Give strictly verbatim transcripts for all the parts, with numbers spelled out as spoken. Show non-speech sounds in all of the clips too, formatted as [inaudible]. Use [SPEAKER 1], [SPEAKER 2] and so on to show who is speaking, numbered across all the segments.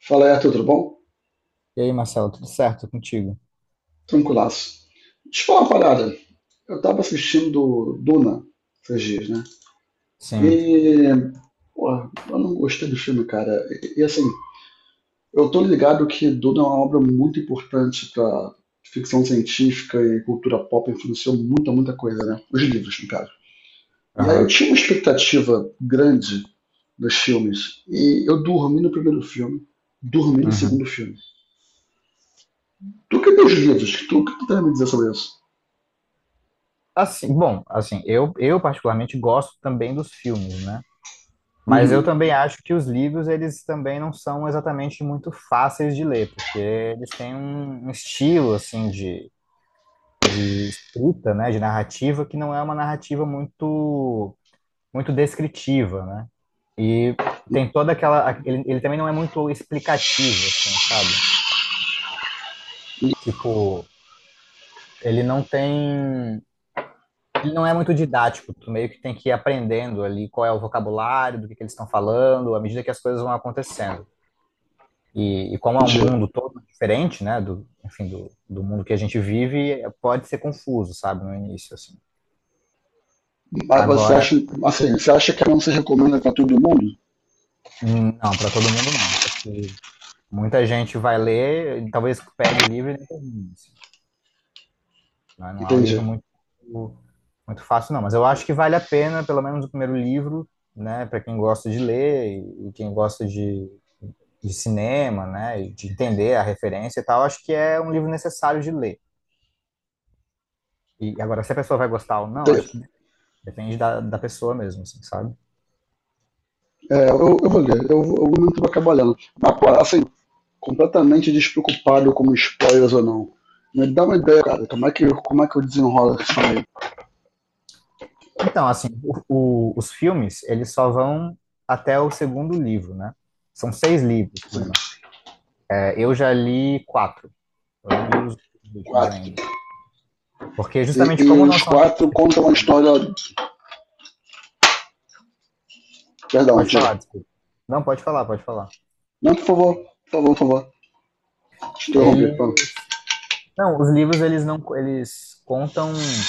[SPEAKER 1] Fala, Arthur, tudo bom?
[SPEAKER 2] E aí, Marcelo, tudo certo contigo?
[SPEAKER 1] Tranquilaço. Deixa eu falar uma parada. Eu tava assistindo Duna esses dias, né?
[SPEAKER 2] Sim.
[SPEAKER 1] E, pô, eu não gostei do filme, cara. E, e, assim, eu tô ligado que Duna é uma obra muito importante pra ficção científica e cultura pop, influenciou muita, muita coisa, né? Os livros, no caso. E aí eu
[SPEAKER 2] Aham.
[SPEAKER 1] tinha uma expectativa grande dos filmes. E eu dormi no primeiro filme, dormi no
[SPEAKER 2] Uhum.
[SPEAKER 1] segundo filme. Tu que tem os livros, tu que tu tem a me dizer sobre isso?
[SPEAKER 2] Assim, bom, assim, eu, eu particularmente gosto também dos filmes, né? Mas eu
[SPEAKER 1] Uhum,
[SPEAKER 2] também acho que os livros, eles também não são exatamente muito fáceis de ler, porque eles têm um, um estilo, assim, de, de escrita, né? De narrativa, que não é uma narrativa muito, muito descritiva, né? E tem toda aquela. Ele, ele também não é muito explicativo, assim, sabe? Tipo, ele não tem. Ele não é muito didático, tu meio que tem que ir aprendendo ali qual é o vocabulário, do que que eles estão falando, à medida que as coisas vão acontecendo. E, e como é um
[SPEAKER 1] entendi.
[SPEAKER 2] mundo todo diferente, né, do, enfim, do, do mundo que a gente vive, é- pode ser confuso, sabe, no início, assim.
[SPEAKER 1] Mas você
[SPEAKER 2] Agora,
[SPEAKER 1] acha, assim, você acha que não se recomenda para todo mundo?
[SPEAKER 2] hum, não, para todo mundo não. Eu acho que muita gente vai ler, e talvez pegue o livro e nem termine, assim, né? Não é um livro
[SPEAKER 1] Entendi.
[SPEAKER 2] muito, muito fácil, não. Mas eu acho que vale a pena, pelo menos o primeiro livro, né, para quem gosta de ler e e quem gosta de de cinema, né, e de entender a referência e tal, acho que é um livro necessário de ler. E agora, se a pessoa vai gostar ou não, acho
[SPEAKER 1] Entendi.
[SPEAKER 2] que depende da, da pessoa mesmo, assim, sabe?
[SPEAKER 1] É, eu, eu vou ler, eu, eu muito vou acabar lendo. Mas, pô, assim, completamente despreocupado com spoilers ou não. Me dá uma ideia, cara, como é que, como é que eu desenrolo isso aí?
[SPEAKER 2] Então, assim, o- o- os filmes, eles só vão até o segundo livro, né? São seis livros,
[SPEAKER 1] Assim,
[SPEAKER 2] Bruna. É, eu já li quatro, eu não li os últimos
[SPEAKER 1] quatro.
[SPEAKER 2] ainda. Porque
[SPEAKER 1] E,
[SPEAKER 2] justamente
[SPEAKER 1] e
[SPEAKER 2] como não
[SPEAKER 1] os
[SPEAKER 2] são livros
[SPEAKER 1] quatro
[SPEAKER 2] que
[SPEAKER 1] contam uma
[SPEAKER 2] fluem, né?
[SPEAKER 1] história. Perdão,
[SPEAKER 2] Pode falar,
[SPEAKER 1] diga.
[SPEAKER 2] desculpa. Não, pode falar, pode falar.
[SPEAKER 1] Não, por favor, por favor, por favor. Te interrompi,
[SPEAKER 2] Ele,
[SPEAKER 1] fala.
[SPEAKER 2] não, os livros, eles não, eles contam.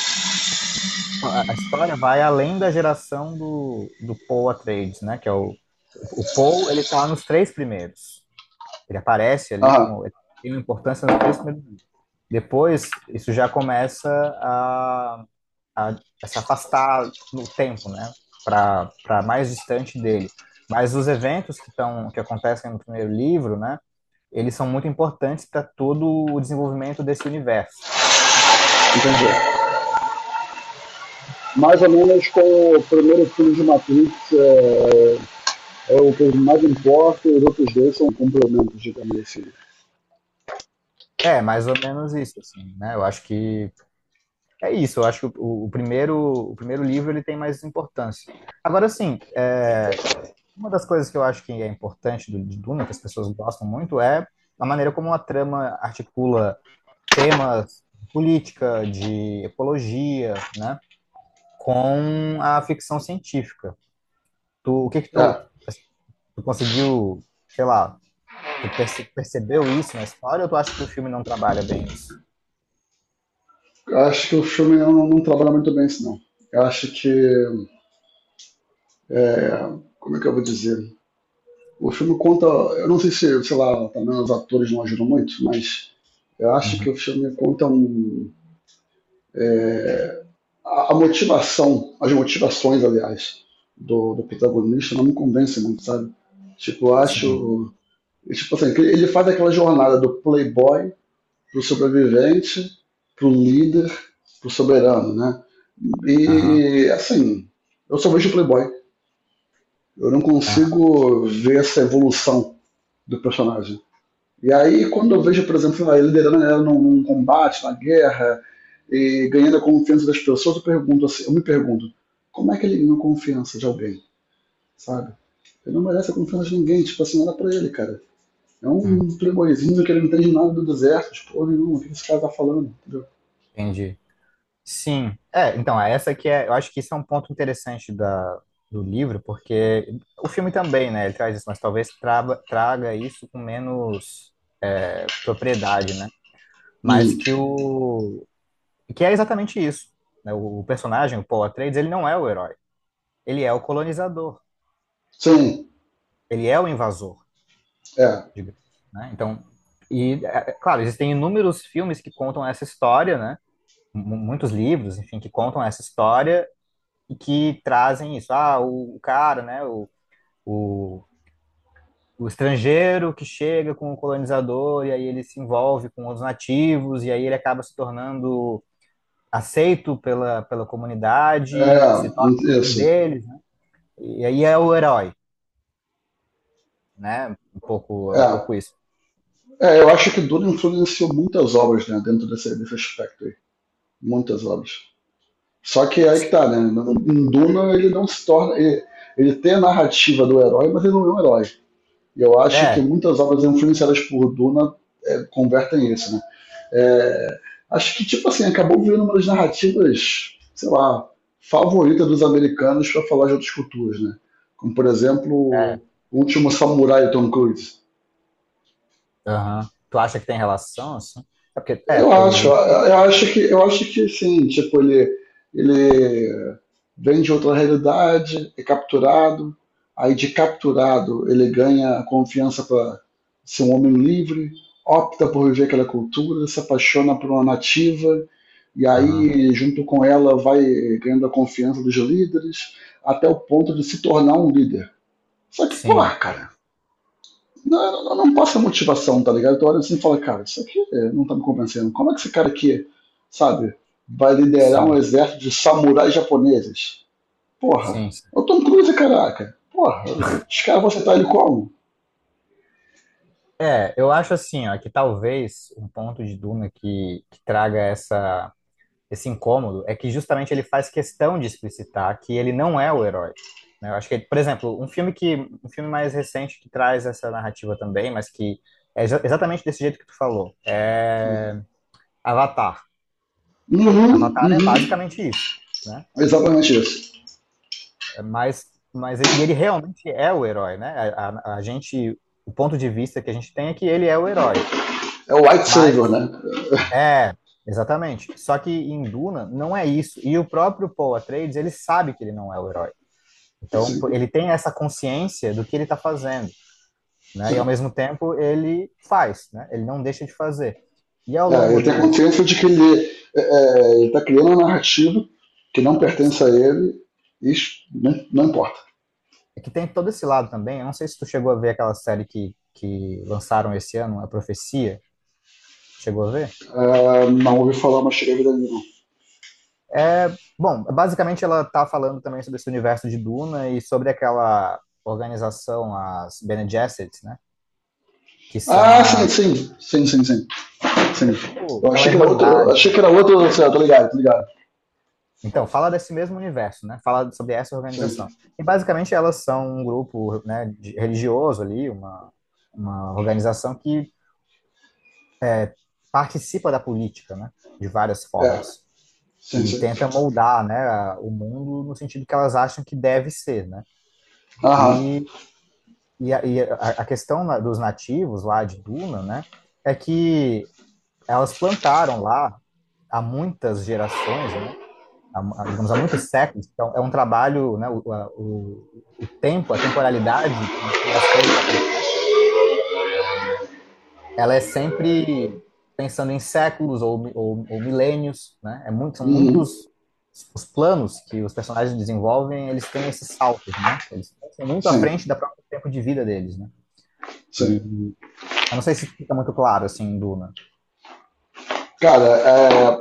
[SPEAKER 2] A a história vai além da geração do, do Paul Atreides, né? Que é o, o Paul, ele tá nos três primeiros. Ele aparece ali
[SPEAKER 1] Ah,
[SPEAKER 2] como ele tem uma importância nos três primeiros livros. Depois, isso já começa a, a- a se afastar no tempo, né? Para para mais distante dele. Mas os eventos que estão que acontecem no primeiro livro, né? Eles são muito importantes para todo o desenvolvimento desse universo.
[SPEAKER 1] entendi. Mais ou menos com o primeiro filme de Matrix, é, é o que eu mais importa, e os outros dois são complementos, digamos assim.
[SPEAKER 2] É, mais ou menos isso, assim, né? Eu acho que é isso, eu acho que o, o primeiro, o primeiro livro ele tem mais importância. Agora, assim, é, uma das coisas que eu acho que é importante do, de Duna, que as pessoas gostam muito, é a maneira como a trama articula temas de política, de ecologia, né, com a ficção científica. Tu, o que que tu,
[SPEAKER 1] É,
[SPEAKER 2] tu conseguiu, sei lá, tu perce- percebeu isso na história ou tu acha que o filme não trabalha bem isso?
[SPEAKER 1] eu acho que o filme não, não trabalha muito bem isso, não. Eu acho que. É, Como é que eu vou dizer? O filme conta. Eu não sei se, sei lá, também os atores não ajudam muito, mas eu acho
[SPEAKER 2] Uhum.
[SPEAKER 1] que o filme conta um, a, a motivação, as motivações, aliás, do, do protagonista não me convence muito, sabe? Tipo, eu
[SPEAKER 2] Sim,
[SPEAKER 1] acho. Tipo assim, ele faz aquela jornada do playboy para o sobrevivente, para o líder, para o soberano, né?
[SPEAKER 2] aham,
[SPEAKER 1] E, assim, eu só vejo o Playboy. Eu não
[SPEAKER 2] aham,
[SPEAKER 1] consigo ver essa evolução do personagem. E aí, quando eu vejo, por exemplo, ele liderando a galera num combate, na guerra, e ganhando a confiança das pessoas, eu pergunto assim, eu me pergunto, como é que ele ganha confiança de alguém, sabe? Ele não merece a confiança de ninguém, tipo assim, nada pra ele, cara. É
[SPEAKER 2] hum,
[SPEAKER 1] um playboyzinho que ele não entende nada do deserto, tipo, porra nenhuma, o que esse cara tá falando, entendeu?
[SPEAKER 2] entendi. Sim, é, então, é essa que é, eu acho que isso é um ponto interessante da, do livro, porque o filme também, né, ele traz isso, mas talvez traba, traga isso com menos é, propriedade, né, mas
[SPEAKER 1] Uhum.
[SPEAKER 2] que o, que é exatamente isso, né, o personagem, o Paul Atreides, ele não é o herói, ele é o colonizador,
[SPEAKER 1] Sim,
[SPEAKER 2] ele é o invasor,
[SPEAKER 1] é.
[SPEAKER 2] digamos, né, então, e, é, é claro, existem inúmeros filmes que contam essa história, né, mu- muitos livros, enfim, que contam essa história, e que trazem isso. Ah, o, o cara, né? O, o, o estrangeiro que chega com o colonizador e aí ele se envolve com os nativos e aí ele acaba se tornando aceito pela, pela comunidade, se torna
[SPEAKER 1] É,
[SPEAKER 2] um
[SPEAKER 1] isso.
[SPEAKER 2] deles, né? E aí é o herói, né? Um pouco, é um
[SPEAKER 1] É.
[SPEAKER 2] pouco isso.
[SPEAKER 1] É, eu acho que Duna influenciou muitas obras, né, dentro desse, desse aspecto aí. Muitas obras. Só que é aí que tá, né? Em Duna ele não se torna. Ele, ele tem a narrativa do herói, mas ele não é um herói. E eu acho que
[SPEAKER 2] É,
[SPEAKER 1] muitas obras influenciadas por Duna é, convertem isso, né? É, acho que, tipo assim, acabou virando uma das narrativas, sei lá, favorita dos americanos para falar de outras culturas, né? Como, por exemplo,
[SPEAKER 2] é.
[SPEAKER 1] O Último Samurai, Tom Cruise.
[SPEAKER 2] Aham. Tu acha que tem relação, assim? É porque, é,
[SPEAKER 1] Eu
[SPEAKER 2] porque
[SPEAKER 1] acho,
[SPEAKER 2] o...
[SPEAKER 1] eu acho que, eu acho que sim, tipo, ele, ele vem de outra realidade, é capturado, aí de capturado ele ganha a confiança para ser um homem livre, opta por viver aquela cultura, se apaixona por uma nativa, e
[SPEAKER 2] Aham.
[SPEAKER 1] aí, junto com ela, vai ganhando a confiança dos líderes, até o ponto de se tornar um líder. Só que,
[SPEAKER 2] Sim,
[SPEAKER 1] porra, cara, não, não, não passa motivação, tá ligado? Tu olha assim e fala, cara, isso aqui é, não tá me convencendo. Como é que esse cara aqui, sabe, vai liderar um
[SPEAKER 2] sim,
[SPEAKER 1] exército de samurais japoneses? Porra,
[SPEAKER 2] sim, sim.
[SPEAKER 1] é o Tom Cruise, caraca. Porra, os caras vão aceitar ele como?
[SPEAKER 2] É, eu acho assim, ó, que talvez um ponto de Duna que, que traga essa, esse incômodo é que justamente ele faz questão de explicitar que ele não é o herói. Né? Eu acho que, por exemplo, um filme que, um filme mais recente que traz essa narrativa também, mas que é exa- exatamente desse jeito que tu falou, é Avatar.
[SPEAKER 1] Uhum,
[SPEAKER 2] Avatar é
[SPEAKER 1] uhum.
[SPEAKER 2] basicamente isso, né?
[SPEAKER 1] Exatamente isso.
[SPEAKER 2] É. Mas, mas e ele realmente é o herói, né? A, a, a gente, o ponto de vista que a gente tem é que ele é o herói.
[SPEAKER 1] É o White Savior,
[SPEAKER 2] mas
[SPEAKER 1] né?
[SPEAKER 2] É, exatamente. Só que em Duna não é isso. E o próprio Paul Atreides, ele sabe que ele não é o herói. Então, pô,
[SPEAKER 1] Sim,
[SPEAKER 2] ele tem essa consciência do que ele está fazendo, né? E ao
[SPEAKER 1] sim.
[SPEAKER 2] mesmo tempo ele faz, né? Ele não deixa de fazer. E ao
[SPEAKER 1] É,
[SPEAKER 2] longo
[SPEAKER 1] ele tem a
[SPEAKER 2] do,
[SPEAKER 1] consciência de que ele, é, é, ele tá criando uma narrativa que não pertence a
[SPEAKER 2] assim,
[SPEAKER 1] ele, isso né, não importa.
[SPEAKER 2] é que tem todo esse lado também. Eu não sei se tu chegou a ver aquela série que que lançaram esse ano, A Profecia. Chegou a ver?
[SPEAKER 1] É, não ouvi falar, mas cheguei a vida nenhuma.
[SPEAKER 2] É, bom, basicamente ela tá falando também sobre esse universo de Duna e sobre aquela organização, as Bene Gesserit, né? Que são
[SPEAKER 1] Ah, sim,
[SPEAKER 2] as,
[SPEAKER 1] sim. Sim, sim, sim. Sim.
[SPEAKER 2] é, tipo,
[SPEAKER 1] Eu
[SPEAKER 2] aquela
[SPEAKER 1] achei que era outro. Eu achei
[SPEAKER 2] Irmandade.
[SPEAKER 1] que era outro. Sei, lá, tô ligado, tô ligado.
[SPEAKER 2] Então, fala desse mesmo universo, né? Fala sobre essa
[SPEAKER 1] Sim.
[SPEAKER 2] organização. E basicamente elas são um grupo, né, de- religioso ali, uma, uma organização que participa da política, né? De várias
[SPEAKER 1] É.
[SPEAKER 2] formas.
[SPEAKER 1] Sim,
[SPEAKER 2] E
[SPEAKER 1] sim.
[SPEAKER 2] tenta moldar, né, a- o mundo no sentido que elas acham que deve ser, né?
[SPEAKER 1] Aham.
[SPEAKER 2] E, e, a, e a a questão na- dos nativos lá de Duna, né? É que elas plantaram lá há muitas gerações, né? Há, digamos, há muitos séculos. Então, é um trabalho, né, o, a- o, o tempo, a temporalidade em que as coisas acontecem, ela é sempre pensando em séculos ou, ou, ou milênios, né? É muito, são
[SPEAKER 1] Uhum.
[SPEAKER 2] muitos os planos que os personagens desenvolvem, eles têm esses saltos, né? Eles são muito à
[SPEAKER 1] Sim,
[SPEAKER 2] frente do próprio tempo de vida deles, né? E
[SPEAKER 1] sim.
[SPEAKER 2] eu não sei se fica muito claro, assim, em Duna.
[SPEAKER 1] Cara, é,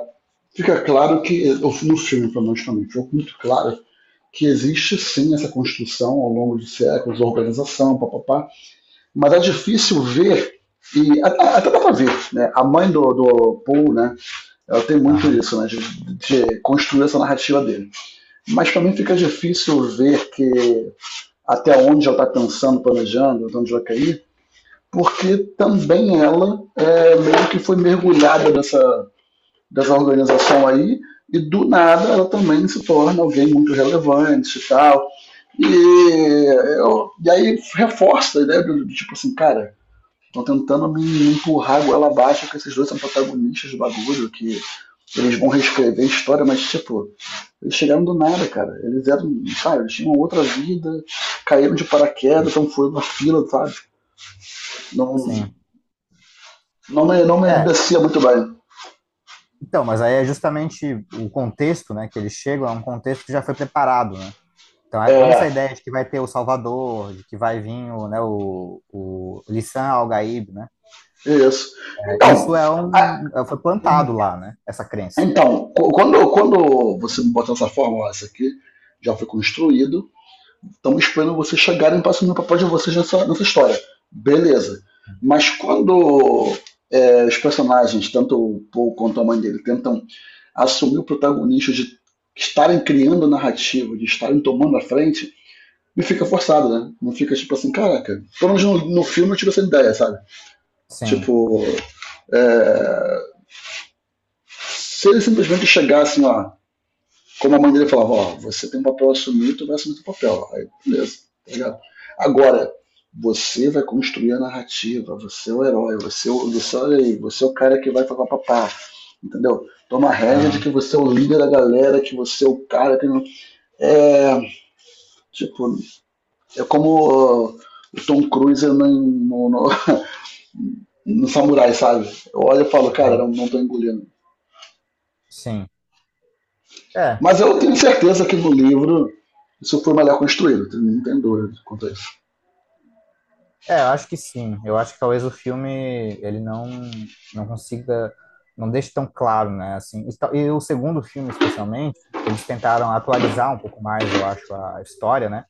[SPEAKER 1] fica claro que, no filme, pelo menos também, ficou muito claro que existe sim essa construção ao longo de séculos, organização, papapá, mas é difícil ver, e até, até dá pra ver, né? A mãe do, do Paul, né? Ela tem muito
[SPEAKER 2] Aham,
[SPEAKER 1] isso, né? De, de construir essa narrativa dele. Mas também fica difícil ver que até onde ela está pensando, planejando, de onde vai cair, porque também ela é, meio que foi mergulhada dessa, dessa organização aí, e do nada ela também se torna alguém muito relevante e tal. E, eu, e aí reforça a ideia do tipo assim, cara, estão tentando me empurrar a goela abaixo, que esses dois são protagonistas do bagulho, que eles vão reescrever a história, mas tipo, eles chegaram do nada, cara. Eles eram, sabe, eles tinham outra vida, caíram de paraquedas, então foram na fila, sabe? Não,
[SPEAKER 2] sim.
[SPEAKER 1] não, me, não me
[SPEAKER 2] É,
[SPEAKER 1] descia muito bem.
[SPEAKER 2] então, mas aí é justamente o contexto, né, que eles chegam, é um contexto que já foi preparado, né? Então, é- toda essa
[SPEAKER 1] É,
[SPEAKER 2] ideia de que vai ter o Salvador, de que vai vir o, né, o, o Lissan Al-Gaib, né?
[SPEAKER 1] isso.
[SPEAKER 2] É.
[SPEAKER 1] Então,
[SPEAKER 2] Isso é
[SPEAKER 1] a-
[SPEAKER 2] um, é, foi plantado lá, né? Essa crença.
[SPEAKER 1] então qu- Quando, quando você me bota dessa forma, ó, isso aqui já foi construído. Estamos esperando vocês chegarem para assumir o papel de vocês nessa, nessa história. Beleza. Mas quando é, os personagens, tanto o Paul quanto a mãe dele, tentam assumir o protagonismo de estarem criando narrativa, de estarem tomando a frente, não fica forçado, né? Não fica tipo assim, caraca. Pelo menos no, no filme eu tive essa ideia, sabe?
[SPEAKER 2] Sim.
[SPEAKER 1] Tipo, é, se ele simplesmente chegar assim, ó, como a mãe dele falava, ó, você tem um papel a assumir, tu vai assumir teu papel. Aí, beleza, tá ligado? Agora, você vai construir a narrativa, você é o herói, você é o, você, olha aí, você é o cara que vai falar papá, entendeu? Toma a regra de
[SPEAKER 2] Aham,
[SPEAKER 1] que você é o líder da galera, que você é o cara que... não- É, tipo, é como Uh, o Tom Cruise no, no, no- [laughs] no Samurai, sabe? Eu olho e falo, cara,
[SPEAKER 2] aham,
[SPEAKER 1] não, não tô engolindo.
[SPEAKER 2] sim. É,
[SPEAKER 1] Mas eu tenho certeza que no livro isso foi melhor construído, não tem dúvida quanto a isso.
[SPEAKER 2] é, eu acho que sim. Eu acho que talvez o filme ele não não consiga, não deixe tão claro, né? Assim, e, tal- e o segundo filme especialmente, eles tentaram atualizar um pouco mais, eu acho, a história, né?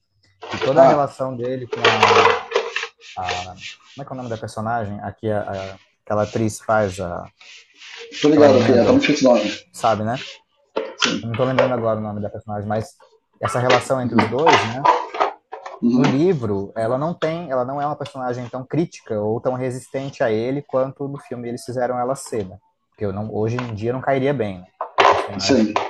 [SPEAKER 2] E toda a
[SPEAKER 1] Ah,
[SPEAKER 2] relação dele com a, Como é que é o nome da personagem? Aqui, a, a- aquela atriz faz, a,
[SPEAKER 1] tô
[SPEAKER 2] aquela
[SPEAKER 1] ligado aqui,
[SPEAKER 2] menina
[SPEAKER 1] tá muito
[SPEAKER 2] do.
[SPEAKER 1] difícil o nome.
[SPEAKER 2] Sabe, né? Eu
[SPEAKER 1] Sim.
[SPEAKER 2] não tô lembrando agora o nome da personagem, mas essa relação entre os dois, né? No
[SPEAKER 1] Uhum,
[SPEAKER 2] livro, ela não tem, ela não é uma personagem tão crítica ou tão resistente a ele quanto no filme eles fizeram ela ser, né? Porque eu não, hoje em dia não cairia bem, né? Uma
[SPEAKER 1] sim.
[SPEAKER 2] personagem.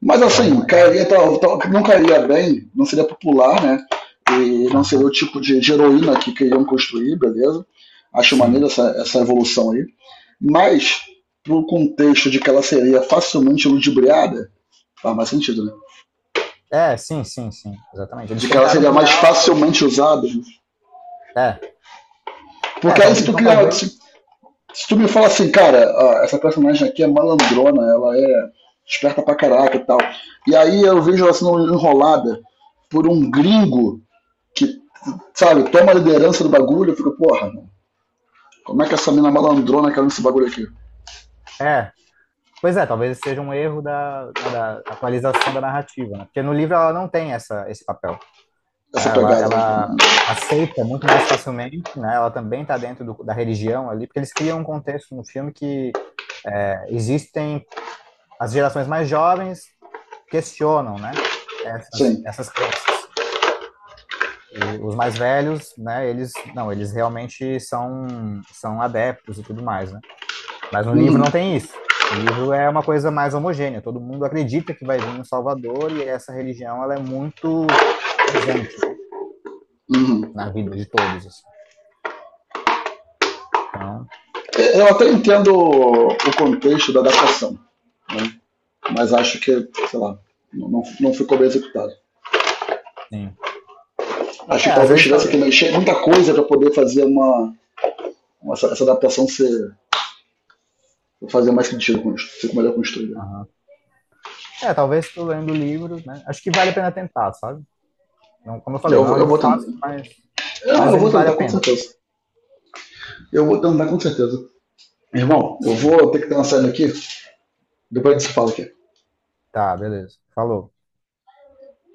[SPEAKER 1] Mas
[SPEAKER 2] Então,
[SPEAKER 1] assim,
[SPEAKER 2] ela.
[SPEAKER 1] cairia, tal- tal- não cairia bem, não seria popular, né? E não seria o
[SPEAKER 2] Aham,
[SPEAKER 1] tipo de, de heroína que queriam construir, beleza? Acho maneiro
[SPEAKER 2] sim.
[SPEAKER 1] essa, essa evolução aí. Mas, pro contexto de que ela seria facilmente ludibriada, faz mais sentido, né?
[SPEAKER 2] É, sim, sim, sim. Exatamente. Eles
[SPEAKER 1] De que ela
[SPEAKER 2] tentaram
[SPEAKER 1] seria
[SPEAKER 2] criar
[SPEAKER 1] mais
[SPEAKER 2] uma coisa.
[SPEAKER 1] facilmente usada, né?
[SPEAKER 2] É, é,
[SPEAKER 1] Porque aí
[SPEAKER 2] tal-
[SPEAKER 1] se tu
[SPEAKER 2] então
[SPEAKER 1] criar,
[SPEAKER 2] talvez.
[SPEAKER 1] se se tu me fala assim, cara, ó, essa personagem aqui é malandrona, ela é esperta pra caraca e tal. E aí eu vejo ela sendo enrolada por um gringo que, sabe, toma a liderança do bagulho, eu fico, porra, mano, como é que essa mina malandrona caiu nesse bagulho aqui?
[SPEAKER 2] É. Pois é, talvez esse seja um erro da, né, da atualização da narrativa, né? Porque no livro ela não tem essa, esse papel.
[SPEAKER 1] Essa
[SPEAKER 2] Né? Ela,
[SPEAKER 1] pegada, né?
[SPEAKER 2] ela aceita muito mais facilmente, né? Ela também está dentro do- da religião ali, porque eles criam um contexto no filme que é, existem as gerações mais jovens questionam, né? Essas,
[SPEAKER 1] Sim.
[SPEAKER 2] essas crenças. E os mais velhos, né? Eles não, eles realmente são são adeptos e tudo mais, né? Mas no livro
[SPEAKER 1] Uhum,
[SPEAKER 2] não tem isso. No livro é uma coisa mais homogênea. Todo mundo acredita que vai vir um Salvador e essa religião ela é muito presente, né,
[SPEAKER 1] uhum.
[SPEAKER 2] na vida de todos, assim. Então,
[SPEAKER 1] É, eu até entendo o o contexto da adaptação, né? Mas acho que, sei lá, não, não- não ficou bem executado.
[SPEAKER 2] sim.
[SPEAKER 1] Acho
[SPEAKER 2] É,
[SPEAKER 1] que
[SPEAKER 2] às
[SPEAKER 1] talvez
[SPEAKER 2] vezes,
[SPEAKER 1] tivesse que
[SPEAKER 2] tal-
[SPEAKER 1] mexer muita coisa para poder fazer uma, uma- essa, essa adaptação ser. Vou fazer mais sentido com isso. Fico melhor construído.
[SPEAKER 2] Aham. É, talvez tu lendo o livro, né? Acho que vale a pena tentar, sabe? Não, como eu falei,
[SPEAKER 1] Eu
[SPEAKER 2] não é um
[SPEAKER 1] vou, eu
[SPEAKER 2] livro
[SPEAKER 1] vou tentar.
[SPEAKER 2] fácil, mas,
[SPEAKER 1] Eu,
[SPEAKER 2] mas
[SPEAKER 1] eu
[SPEAKER 2] ele
[SPEAKER 1] vou
[SPEAKER 2] vale a
[SPEAKER 1] tentar, com
[SPEAKER 2] pena.
[SPEAKER 1] certeza. Eu vou tentar, com certeza. Irmão, eu
[SPEAKER 2] Sim.
[SPEAKER 1] vou ter que dar uma saída aqui. Depois a gente se fala aqui.
[SPEAKER 2] Tá, beleza. Falou.